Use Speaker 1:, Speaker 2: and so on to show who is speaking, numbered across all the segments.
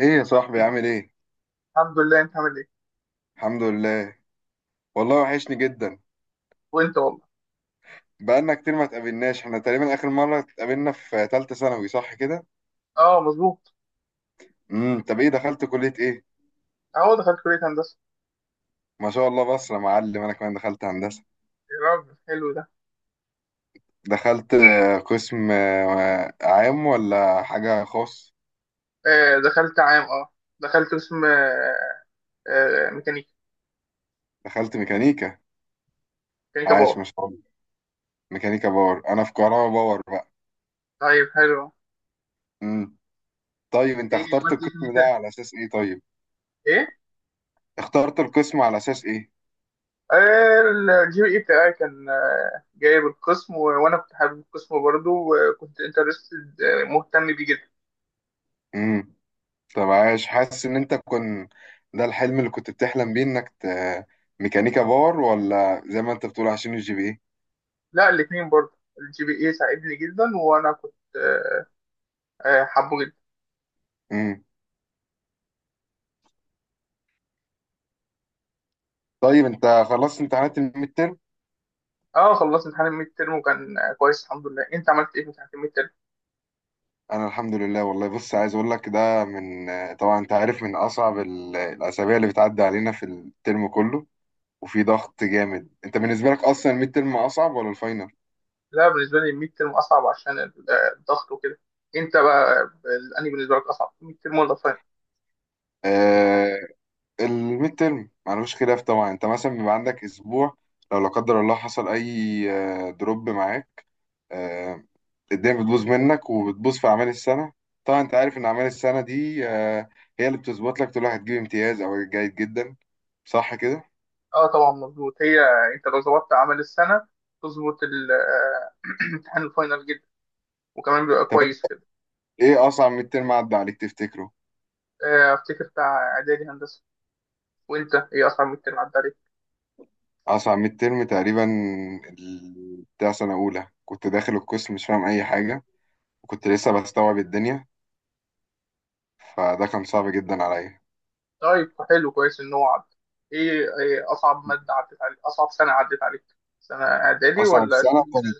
Speaker 1: ايه يا صاحبي عامل ايه؟
Speaker 2: الحمد لله. انت عامل ايه؟
Speaker 1: الحمد لله. والله وحشني جدا.
Speaker 2: وانت والله.
Speaker 1: بقالنا كتير ما اتقابلناش، احنا تقريبا اخر مرة اتقابلنا في تالتة ثانوي، صح كده؟
Speaker 2: اه، مظبوط.
Speaker 1: طب ايه، دخلت كلية ايه؟
Speaker 2: اهو دخلت كلية هندسة.
Speaker 1: ما شاء الله، بس يا معلم انا كمان دخلت هندسة.
Speaker 2: يا راجل حلو ده.
Speaker 1: دخلت قسم عام ولا حاجة خاص؟
Speaker 2: دخلت عام دخلت قسم ميكانيكا.
Speaker 1: دخلت ميكانيكا.
Speaker 2: ميكانيكا
Speaker 1: عاش
Speaker 2: باور.
Speaker 1: ما شاء الله. ميكانيكا باور، انا في كهرباء باور بقى.
Speaker 2: طيب حلو.
Speaker 1: امم طيب انت
Speaker 2: ايه
Speaker 1: اخترت
Speaker 2: عملت ايه في
Speaker 1: القسم ده
Speaker 2: الميكانيكا؟
Speaker 1: على اساس ايه طيب؟
Speaker 2: ايه.
Speaker 1: اخترت القسم على اساس ايه؟
Speaker 2: آه الجي بي اي بتاعي كان جايب القسم وانا كنت حابب القسم برضه وكنت انترستد، مهتم بيه جدا.
Speaker 1: امم طب عايش، حاسس ان انت كن، ده الحلم اللي كنت بتحلم بيه انك ميكانيكا باور، ولا زي ما انت بتقول عشان الـGPA؟
Speaker 2: لا، الاتنين برضه. الجي بي اي ساعدني جدا وانا كنت حابه جدا.
Speaker 1: امم طيب انت خلصت امتحانات الميد ترم.
Speaker 2: اه، خلصت امتحان الميد ترم وكان كويس الحمد لله. انت عملت ايه في امتحان الميد؟
Speaker 1: انا الحمد لله والله. بص، عايز اقول لك ده من، طبعا انت عارف، من اصعب الاسابيع اللي بتعدي علينا في الترم كله، وفي ضغط جامد. انت بالنسبه لك اصلا الميد ترم اصعب ولا الفاينل؟
Speaker 2: لا، بالنسبه لي الميد ترم اصعب عشان الضغط وكده. انت بقى انهي بالنسبه لك اصعب، الميد ترم ولا الفاينل؟
Speaker 1: آه الميد ترم معلوش، خلاف طبعا انت مثلا بيبقى عندك اسبوع، لو لا قدر الله حصل اي دروب معاك، آه، الدنيا بتبوظ منك وبتبوظ في أعمال السنة. طبعا أنت عارف إن أعمال السنة دي هي اللي بتظبط لك، تقول واحد هتجيب امتياز أو جيد جدا، صح كده؟
Speaker 2: اه طبعا مظبوط. هي انت لو ظبطت اعمال السنه تظبط امتحان الفاينل جدا وكمان بيبقى
Speaker 1: طب
Speaker 2: كويس كده.
Speaker 1: إيه أصعب ميد ترم عدى عليك تفتكره؟
Speaker 2: افتكر بتاع اعدادي هندسه. وانت ايه اصعب ميد ترم عدى عليك؟
Speaker 1: أصعب ميد ترم تقريبا، بتاع سنة أولى، كنت داخل القسم مش فاهم أي حاجة، وكنت لسه بستوعب الدنيا، فده كان صعب جدا عليا.
Speaker 2: طيب حلو، كويس ان هو عدى. ايه اصعب ماده عدت عليك؟ اصعب سنه عدت عليك، سنه اعدادي
Speaker 1: أصعب
Speaker 2: ولا
Speaker 1: سنة كانت،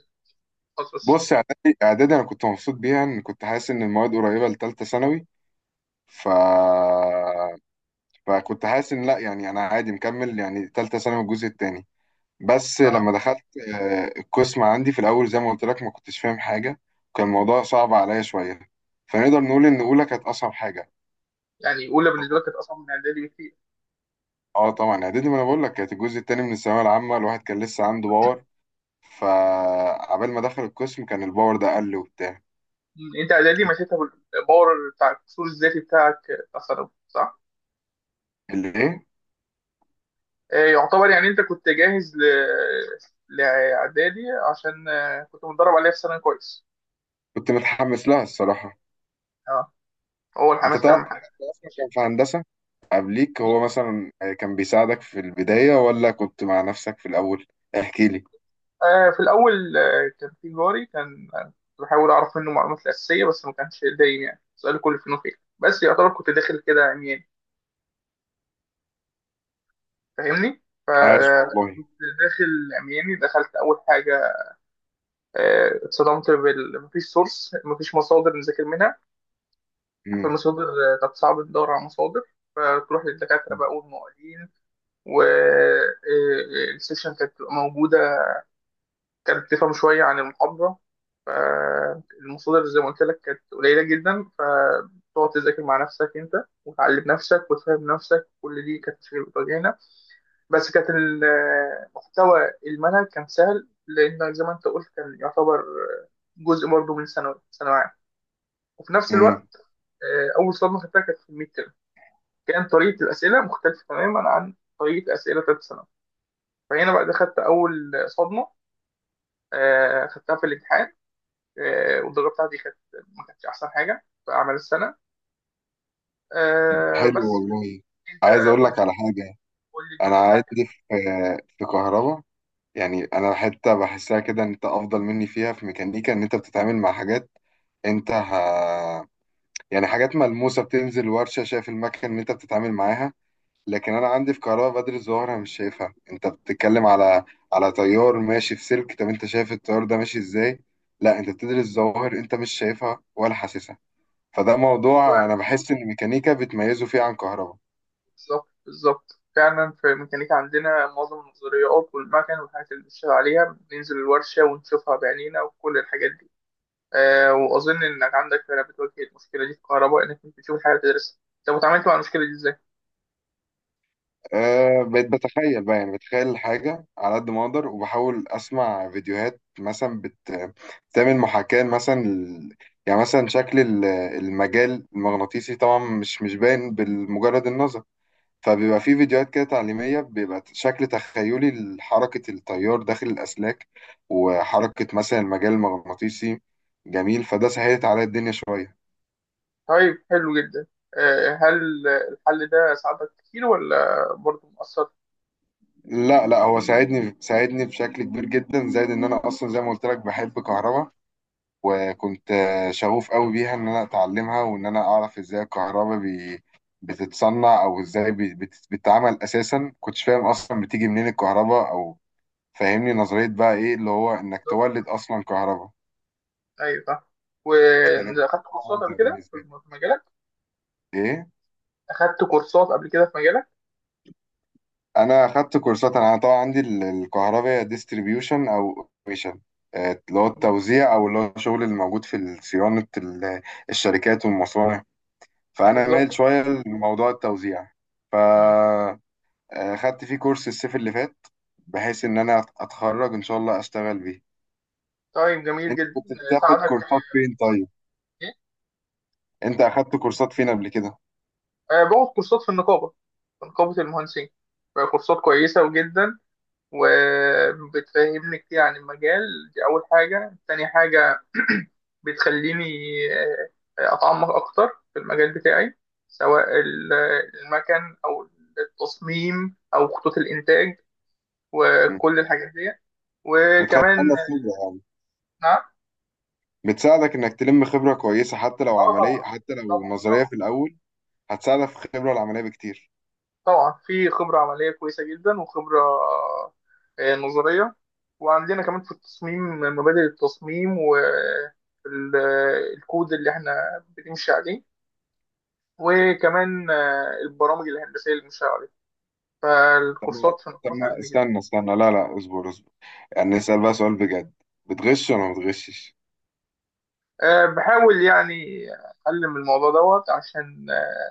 Speaker 2: تخصص؟
Speaker 1: بص، إعدادي إعدادي أنا كنت مبسوط بيها، إن كنت حاسس إن المواد قريبة لتالتة ثانوي. ف فكنت حاسس ان لا، يعني انا عادي مكمل، يعني تالتة ثانوي الجزء التاني. بس
Speaker 2: اه.
Speaker 1: لما دخلت القسم عندي في الاول، زي ما قلت لك ما كنتش فاهم حاجة، وكان الموضوع صعب عليا شوية، فنقدر نقول ان اولى كانت اصعب حاجة.
Speaker 2: يعني اولى بالنسبه
Speaker 1: طب-
Speaker 2: لك كانت اصعب من اعدادي بكتير.
Speaker 1: اه، طبعا اعدادي، ما انا بقول لك، كانت الجزء التاني من الثانوية العامة، الواحد كان لسه عنده باور، فعبال ما دخل القسم كان الباور ده قل وبتاع.
Speaker 2: مم. انت اعدادي مشيتها بالباور، بتاع القصور الذاتي بتاعك، بتاع ثانوي صح؟
Speaker 1: اللي ايه؟
Speaker 2: يعتبر يعني انت كنت جاهز لاعدادي عشان كنت متدرب عليها في ثانوي كويس.
Speaker 1: كنت متحمس لها الصراحة.
Speaker 2: اه، هو
Speaker 1: انت
Speaker 2: الحماس
Speaker 1: تعرف
Speaker 2: اهم
Speaker 1: حد
Speaker 2: حاجه.
Speaker 1: اصلا كان في هندسة قبليك،
Speaker 2: دي
Speaker 1: هو مثلا كان بيساعدك في البداية ولا كنت مع نفسك في الأول؟ احكي لي.
Speaker 2: في الاول كان في جاري، كان كنت بحاول اعرف منه المعلومات الاساسيه بس ما كانش دايم، يعني سؤال كل فين وفين. بس يعتبر كنت داخل كده عمياني، فاهمني؟
Speaker 1: عايش والله.
Speaker 2: فكنت داخل عمياني. دخلت اول حاجه اتصدمت مفيش سورس، مفيش مصادر نذاكر منها.
Speaker 1: امم
Speaker 2: فالمصادر كانت صعب ندور على مصادر. فتروح للدكاترة بقى والمعيدين، والسيكشن كانت بتبقى موجودة، كانت تفهم شوية عن المحاضرة. فالمصادر زي ما قلت لك كانت قليلة جدا، فتقعد تذاكر مع نفسك أنت وتعلم نفسك وتفهم نفسك، كل دي كانت مشاكل بتواجهنا. بس كانت المحتوى المنهج كان سهل لأن زي ما أنت قلت كان يعتبر جزء برضه من ثانوي ثانوي. وفي نفس
Speaker 1: امم
Speaker 2: الوقت اول صدمه خدتها كانت في الميد ترم. كان طريقه الاسئله مختلفه تماما عن طريقه اسئله ثالثه ثانوي، فهنا بقى ده خدت اول صدمه خدتها في الامتحان. والدرجه بتاعتي كانت ما كانتش احسن حاجه في اعمال السنه
Speaker 1: حلو
Speaker 2: بس.
Speaker 1: والله.
Speaker 2: انت
Speaker 1: عايز اقول
Speaker 2: قول
Speaker 1: لك على
Speaker 2: لي،
Speaker 1: حاجة،
Speaker 2: قول لي
Speaker 1: انا
Speaker 2: الجزء بتاعك
Speaker 1: عندي
Speaker 2: كان
Speaker 1: في كهرباء، يعني انا حتة بحسها كده، ان انت افضل مني فيها، في ميكانيكا ان انت بتتعامل مع حاجات، انت يعني حاجات ملموسة، بتنزل ورشة شايف المكنة اللي انت بتتعامل معاها. لكن انا عندي في كهرباء بدر الظهر انا مش شايفها، انت بتتكلم على تيار ماشي في سلك، طب انت شايف التيار ده ماشي ازاي؟ لا انت بتدرس ظواهر انت مش شايفها ولا حاسسها، فده
Speaker 2: فيه
Speaker 1: موضوع انا
Speaker 2: جزء.
Speaker 1: بحس ان الميكانيكا بتميزه فيه عن كهرباء.
Speaker 2: بالظبط، بالظبط، فعلا في ميكانيكا عندنا معظم النظريات والمكن والحاجات اللي بنشتغل عليها بننزل الورشه ونشوفها بعينينا وكل الحاجات دي. واظن انك عندك فرقه بتواجه المشكله دي في كهرباء، انك مش بتشوف الحاجه تدرسها. طب وتعاملت مع المشكله دي ازاي؟
Speaker 1: بقيت بتخيل بقى، يعني بتخيل الحاجة على قد ما اقدر، وبحاول اسمع فيديوهات مثلا بتعمل محاكاة، مثلا يعني مثلا شكل المجال المغناطيسي طبعا مش باين بالمجرد النظر، فبيبقى في فيديوهات كده تعليمية، بيبقى شكل تخيلي لحركة التيار داخل الأسلاك، وحركة مثلا المجال المغناطيسي، جميل، فده سهلت عليا الدنيا شوية.
Speaker 2: طيب حلو جدا. هل الحل ده ساعدك كتير ولا برضه مؤثر؟
Speaker 1: لا لا، هو ساعدني ساعدني بشكل كبير جدا، زائد إن أنا أصلا زي ما قلت لك بحب كهربا، وكنت شغوف قوي بيها، إن أنا أتعلمها وإن أنا أعرف إزاي الكهربا بتتصنع، أو إزاي بتتعمل أساسا، كنتش فاهم أصلا بتيجي منين الكهربا أو، فاهمني؟ نظرية بقى، إيه اللي هو، إنك تولد أصلا كهربا.
Speaker 2: ايوه، صح.
Speaker 1: كان الموضوع
Speaker 2: واخدت كورسات قبل
Speaker 1: ممتع
Speaker 2: كده في
Speaker 1: بالنسبه لي.
Speaker 2: في مجالك؟
Speaker 1: ايه؟
Speaker 2: اخدت كورسات قبل كده في مجالك؟
Speaker 1: انا اخدت كورسات. انا طبعا عندي الكهرباء ديستريبيوشن او اوبريشن، اللي هو
Speaker 2: مم.
Speaker 1: التوزيع، او اللي هو الشغل اللي موجود في صيانه الشركات والمصانع. فانا مايل
Speaker 2: بالظبط.
Speaker 1: شويه لموضوع التوزيع،
Speaker 2: مم.
Speaker 1: فاخدت فيه كورس الصيف اللي فات، بحيث ان انا اتخرج ان شاء الله اشتغل بيه.
Speaker 2: طيب جميل
Speaker 1: انت
Speaker 2: جدا،
Speaker 1: كنت بتاخد
Speaker 2: ساعدك
Speaker 1: كورسات فين طيب؟
Speaker 2: ايه؟
Speaker 1: انت اخدت كورسات فين قبل كده؟
Speaker 2: باخد كورسات في النقابه، في نقابه المهندسين. كورسات كويسه جدا وبتفهمني كتير عن المجال. دي أول حاجة. تاني حاجة بتخليني أتعمق أكتر في المجال بتاعي، سواء المكن أو التصميم أو خطوط الإنتاج وكل الحاجات دي.
Speaker 1: متخيل
Speaker 2: وكمان
Speaker 1: انا.
Speaker 2: نعم.
Speaker 1: بتساعدك انك تلم خبره كويسه، حتى لو
Speaker 2: اه
Speaker 1: عمليه
Speaker 2: طبعا،
Speaker 1: حتى لو
Speaker 2: طبعا
Speaker 1: نظريه
Speaker 2: طبعا.
Speaker 1: في الاول، هتساعدك في الخبره العمليه بكتير.
Speaker 2: طبعا في خبرة عملية كويسة جدا وخبرة نظرية. وعندنا كمان في التصميم مبادئ التصميم والكود اللي احنا بنمشي عليه. وكمان البرامج الهندسية اللي بنمشي عليها.
Speaker 1: طب ما
Speaker 2: فالكورسات في
Speaker 1: طب
Speaker 2: الكورس
Speaker 1: ما
Speaker 2: عندنا كده.
Speaker 1: استنى استنى، لا لا اصبر اصبر، يعني نسال بقى سؤال بجد، بتغش ولا ما بتغشش؟
Speaker 2: بحاول يعني أتعلم الموضوع دوت عشان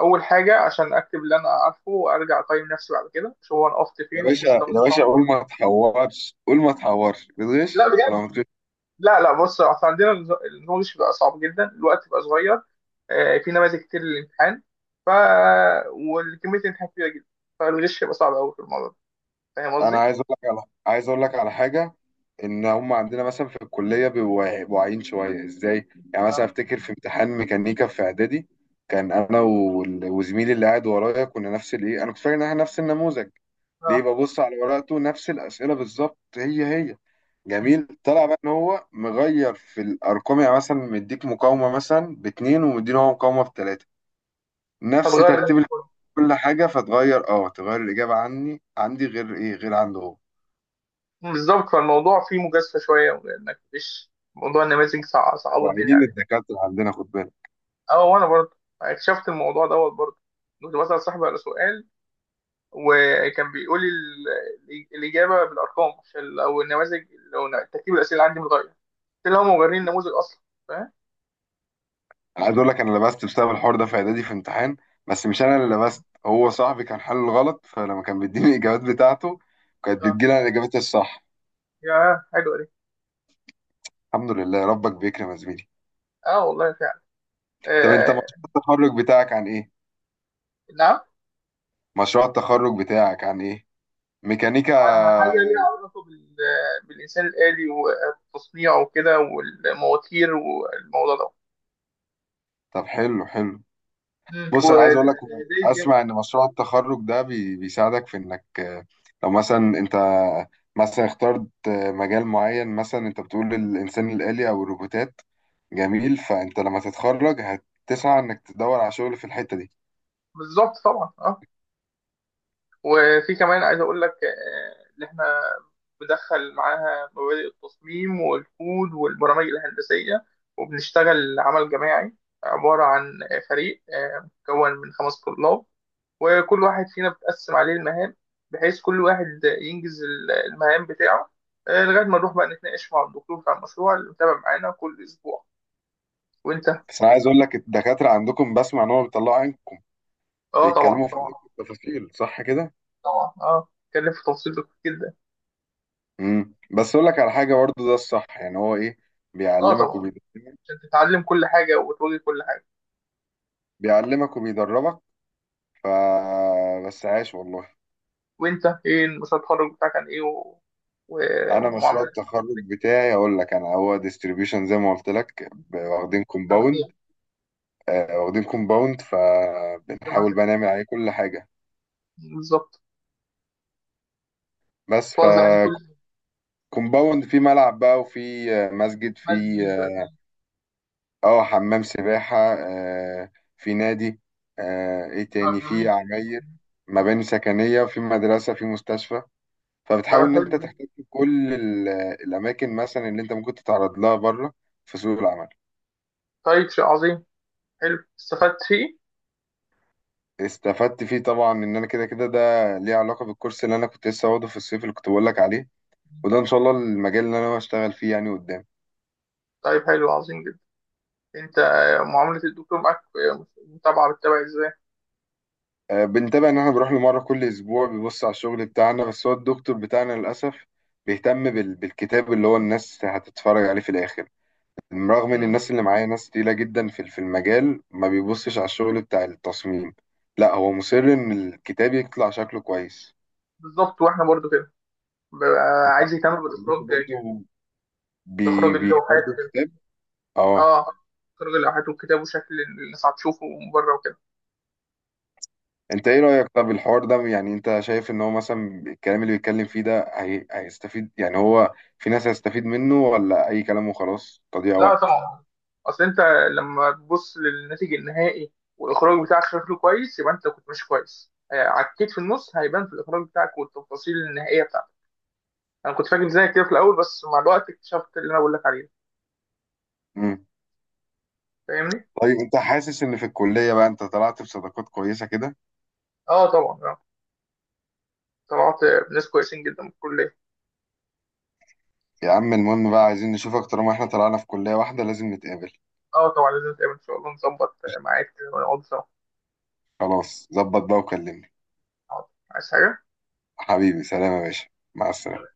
Speaker 2: أول حاجة عشان أكتب اللي أنا عارفه وأرجع أقيم نفسي بعد كده، شو أنا وقفت
Speaker 1: يا
Speaker 2: فين
Speaker 1: باشا
Speaker 2: ومستوى
Speaker 1: يا باشا، قول
Speaker 2: الأمر.
Speaker 1: ما تحورش قول ما تحورش،
Speaker 2: لا،
Speaker 1: بتغش ولا ما بتغش؟
Speaker 2: لا لا. بص، اصل عندنا النظام مش بيبقى صعب جدا، الوقت بيبقى صغير. في نماذج كتير للامتحان، ف وكميه الامتحان كبيره جدا، فالغش يبقى صعب قوي في الموضوع ده. فاهم
Speaker 1: انا
Speaker 2: قصدي؟
Speaker 1: عايز اقول لك على حاجه، ان هم عندنا مثلا في الكليه بيبقوا واعيين شويه. ازاي؟ يعني مثلا
Speaker 2: اه
Speaker 1: افتكر في امتحان ميكانيكا في اعدادي، كان انا وزميلي اللي قاعد ورايا كنا نفس الايه، انا كنت فاكر ان احنا نفس النموذج، ليه؟
Speaker 2: اه.
Speaker 1: ببص على ورقته نفس الاسئله بالظبط، هي هي،
Speaker 2: مم.
Speaker 1: جميل، طلع بقى ان هو مغير في الارقام، يعني مثلا مديك مقاومه مثلا باتنين، ومديني هو مقاومه بتلاته، نفس
Speaker 2: هتغير بدأت
Speaker 1: ترتيب
Speaker 2: أقول.
Speaker 1: كل حاجه، فتغير. اه، تغير الاجابه، عني عندي غير ايه غير عنده هو.
Speaker 2: بالظبط، فالموضوع فيه مجازفه شويه، انك مش موضوع النماذج صعبوا الدنيا
Speaker 1: واعيين
Speaker 2: عليه.
Speaker 1: الدكاترة عندنا، خد بالك.
Speaker 2: اه، وانا برضه اكتشفت الموضوع دوت برضه. كنت بسال صاحبي على سؤال وكان بيقول لي الاجابه بالارقام، عشان لو النماذج، لو ترتيب الاسئله عندي متغير، اللي هم مبررين النموذج اصلا. فاهم.
Speaker 1: أنا عايز أقول لك، أنا لبست بسبب الحوار ده، في إعدادي في امتحان، بس مش أنا اللي لبست، هو صاحبي كان حل غلط، فلما كان بيديني الإجابات بتاعته، كانت
Speaker 2: اه.
Speaker 1: بتجيلي أنا إجابتي الصح.
Speaker 2: يا حلوه دي.
Speaker 1: الحمد لله ربك بيكرم يا زميلي.
Speaker 2: اه والله فعلا.
Speaker 1: طب أنت، مشروع
Speaker 2: آه.
Speaker 1: التخرج بتاعك عن إيه؟
Speaker 2: نعم.
Speaker 1: مشروع التخرج بتاعك عن إيه؟ ميكانيكا؟
Speaker 2: على حاجه ليها علاقه بالانسان الالي وتصنيعه وكده والمواتير والموضوع ده.
Speaker 1: طب حلو حلو.
Speaker 2: مم.
Speaker 1: بص انا عايز اقول لك،
Speaker 2: ودايس جامد.
Speaker 1: اسمع، ان مشروع التخرج ده بيساعدك في انك لو مثلا انت، مثلا اخترت مجال معين، مثلا انت بتقول الانسان الآلي او الروبوتات، جميل، فانت لما تتخرج هتسعى انك تدور على شغل في الحتة دي.
Speaker 2: بالظبط طبعا اه. وفي كمان عايز اقول لك ان احنا بدخل معاها مبادئ التصميم والكود والبرامج الهندسيه. وبنشتغل عمل جماعي، عباره عن فريق مكون من 5 طلاب. وكل واحد فينا بتقسم عليه المهام، بحيث كل واحد ينجز المهام بتاعه لغاية ما نروح بقى نتناقش مع الدكتور بتاع المشروع اللي متابع معانا كل أسبوع. وأنت؟
Speaker 1: بس انا عايز اقول لك، الدكاترة عندكم بسمع ان هم بيطلعوا عينكم،
Speaker 2: أه طبعا،
Speaker 1: بيتكلموا في
Speaker 2: طبعا
Speaker 1: التفاصيل، صح كده؟
Speaker 2: طبعا. أه اتكلم في تفاصيل كتير جدا.
Speaker 1: بس اقول لك على حاجة برضو، ده الصح، يعني هو ايه،
Speaker 2: أه
Speaker 1: بيعلمك
Speaker 2: طبعا،
Speaker 1: وبيدربك،
Speaker 2: عشان تتعلم كل حاجة وتواجه كل حاجة.
Speaker 1: بيعلمك وبيدربك، ف بس عاش والله.
Speaker 2: وأنت إيه مشروع التخرج بتاعك عن إيه؟ و... و...
Speaker 1: انا مشروع
Speaker 2: ومعاملات
Speaker 1: التخرج بتاعي اقول لك، انا هو ديستريبيوشن زي ما قلت لك، واخدين
Speaker 2: التوزيع.
Speaker 1: كومباوند واخدين كومباوند
Speaker 2: زي ما
Speaker 1: فبنحاول بقى
Speaker 2: أنت-
Speaker 1: نعمل عليه كل حاجه،
Speaker 2: بالظبط،
Speaker 1: بس.
Speaker 2: توزع عليه كل
Speaker 1: كومباوند فيه ملعب بقى، وفي مسجد،
Speaker 2: مادة
Speaker 1: في اه،
Speaker 2: دلوقتي.
Speaker 1: اه، حمام سباحه، في نادي، ايه
Speaker 2: أه
Speaker 1: تاني، في
Speaker 2: جميل.
Speaker 1: عماير، مباني سكنيه، وفي مدرسه، في مستشفى،
Speaker 2: طيب
Speaker 1: فبتحاول ان انت
Speaker 2: حلو.
Speaker 1: تحتك بكل الاماكن مثلا اللي انت ممكن تتعرض لها بره في سوق العمل.
Speaker 2: طيب شيء عظيم. حلو، استفدت فيه.
Speaker 1: استفدت فيه طبعا، ان انا كده كده ده ليه علاقه بالكورس اللي انا كنت لسه واخده في الصيف، اللي كنت بقول لك عليه، وده ان شاء الله المجال اللي انا بشتغل فيه يعني قدام.
Speaker 2: طيب حلو عظيم جدا. انت معاملة الدكتور معاك، متابعة، بتتابع ازاي؟
Speaker 1: بنتابع، ان احنا بنروح له مره كل اسبوع بيبص على الشغل بتاعنا، بس هو الدكتور بتاعنا للاسف بيهتم بالكتاب، اللي هو الناس هتتفرج عليه في الاخر، رغم ان
Speaker 2: مم.
Speaker 1: الناس اللي معايا ناس تقيله جدا في المجال، ما بيبصش على الشغل بتاع التصميم، لا هو مصر ان الكتاب يطلع شكله كويس.
Speaker 2: بالظبط، واحنا برضو كده. ببقى
Speaker 1: انت
Speaker 2: عايز يهتم بالاخراج
Speaker 1: عندكم
Speaker 2: جدا،
Speaker 1: برضه، بي
Speaker 2: باخراج
Speaker 1: بي
Speaker 2: اللوحات
Speaker 1: برضه
Speaker 2: كده.
Speaker 1: الكتاب. اه.
Speaker 2: اه. اخراج اللوحات والكتاب وشكل الناس هتشوفه من بره وكده.
Speaker 1: انت ايه رأيك طب، الحوار ده، يعني انت شايف ان هو مثلا الكلام اللي بيتكلم فيه ده هيستفيد، يعني هو في ناس هيستفيد منه، ولا اي كلام وخلاص تضييع
Speaker 2: لا
Speaker 1: وقت؟
Speaker 2: طبعا، اصل انت لما تبص للناتج النهائي والاخراج بتاعك شكله كويس يبقى انت كنت ماشي كويس. عكيت في النص هيبان في الاخراج بتاعك والتفاصيل النهائية بتاعتك. انا كنت فاكر زيك كده في الاول بس مع الوقت اكتشفت اللي انا بقول لك عليه.
Speaker 1: امم
Speaker 2: فاهمني.
Speaker 1: طيب انت حاسس ان في الكلية بقى انت طلعت بصداقات كويسة كده؟
Speaker 2: اه طبعا آه. طلعت ناس كويسين جدا من الكلية.
Speaker 1: يا عم المهم بقى، عايزين نشوفك، طالما احنا طلعنا في كلية واحدة لازم نتقابل.
Speaker 2: اه طبعا لازم نتقابل ان شاء الله، نظبط ميعاد كده ونقعد سوا.
Speaker 1: خلاص ظبط بقى وكلمني.
Speaker 2: حاضر. عايز حاجة؟
Speaker 1: حبيبي سلام يا باشا، مع السلامة.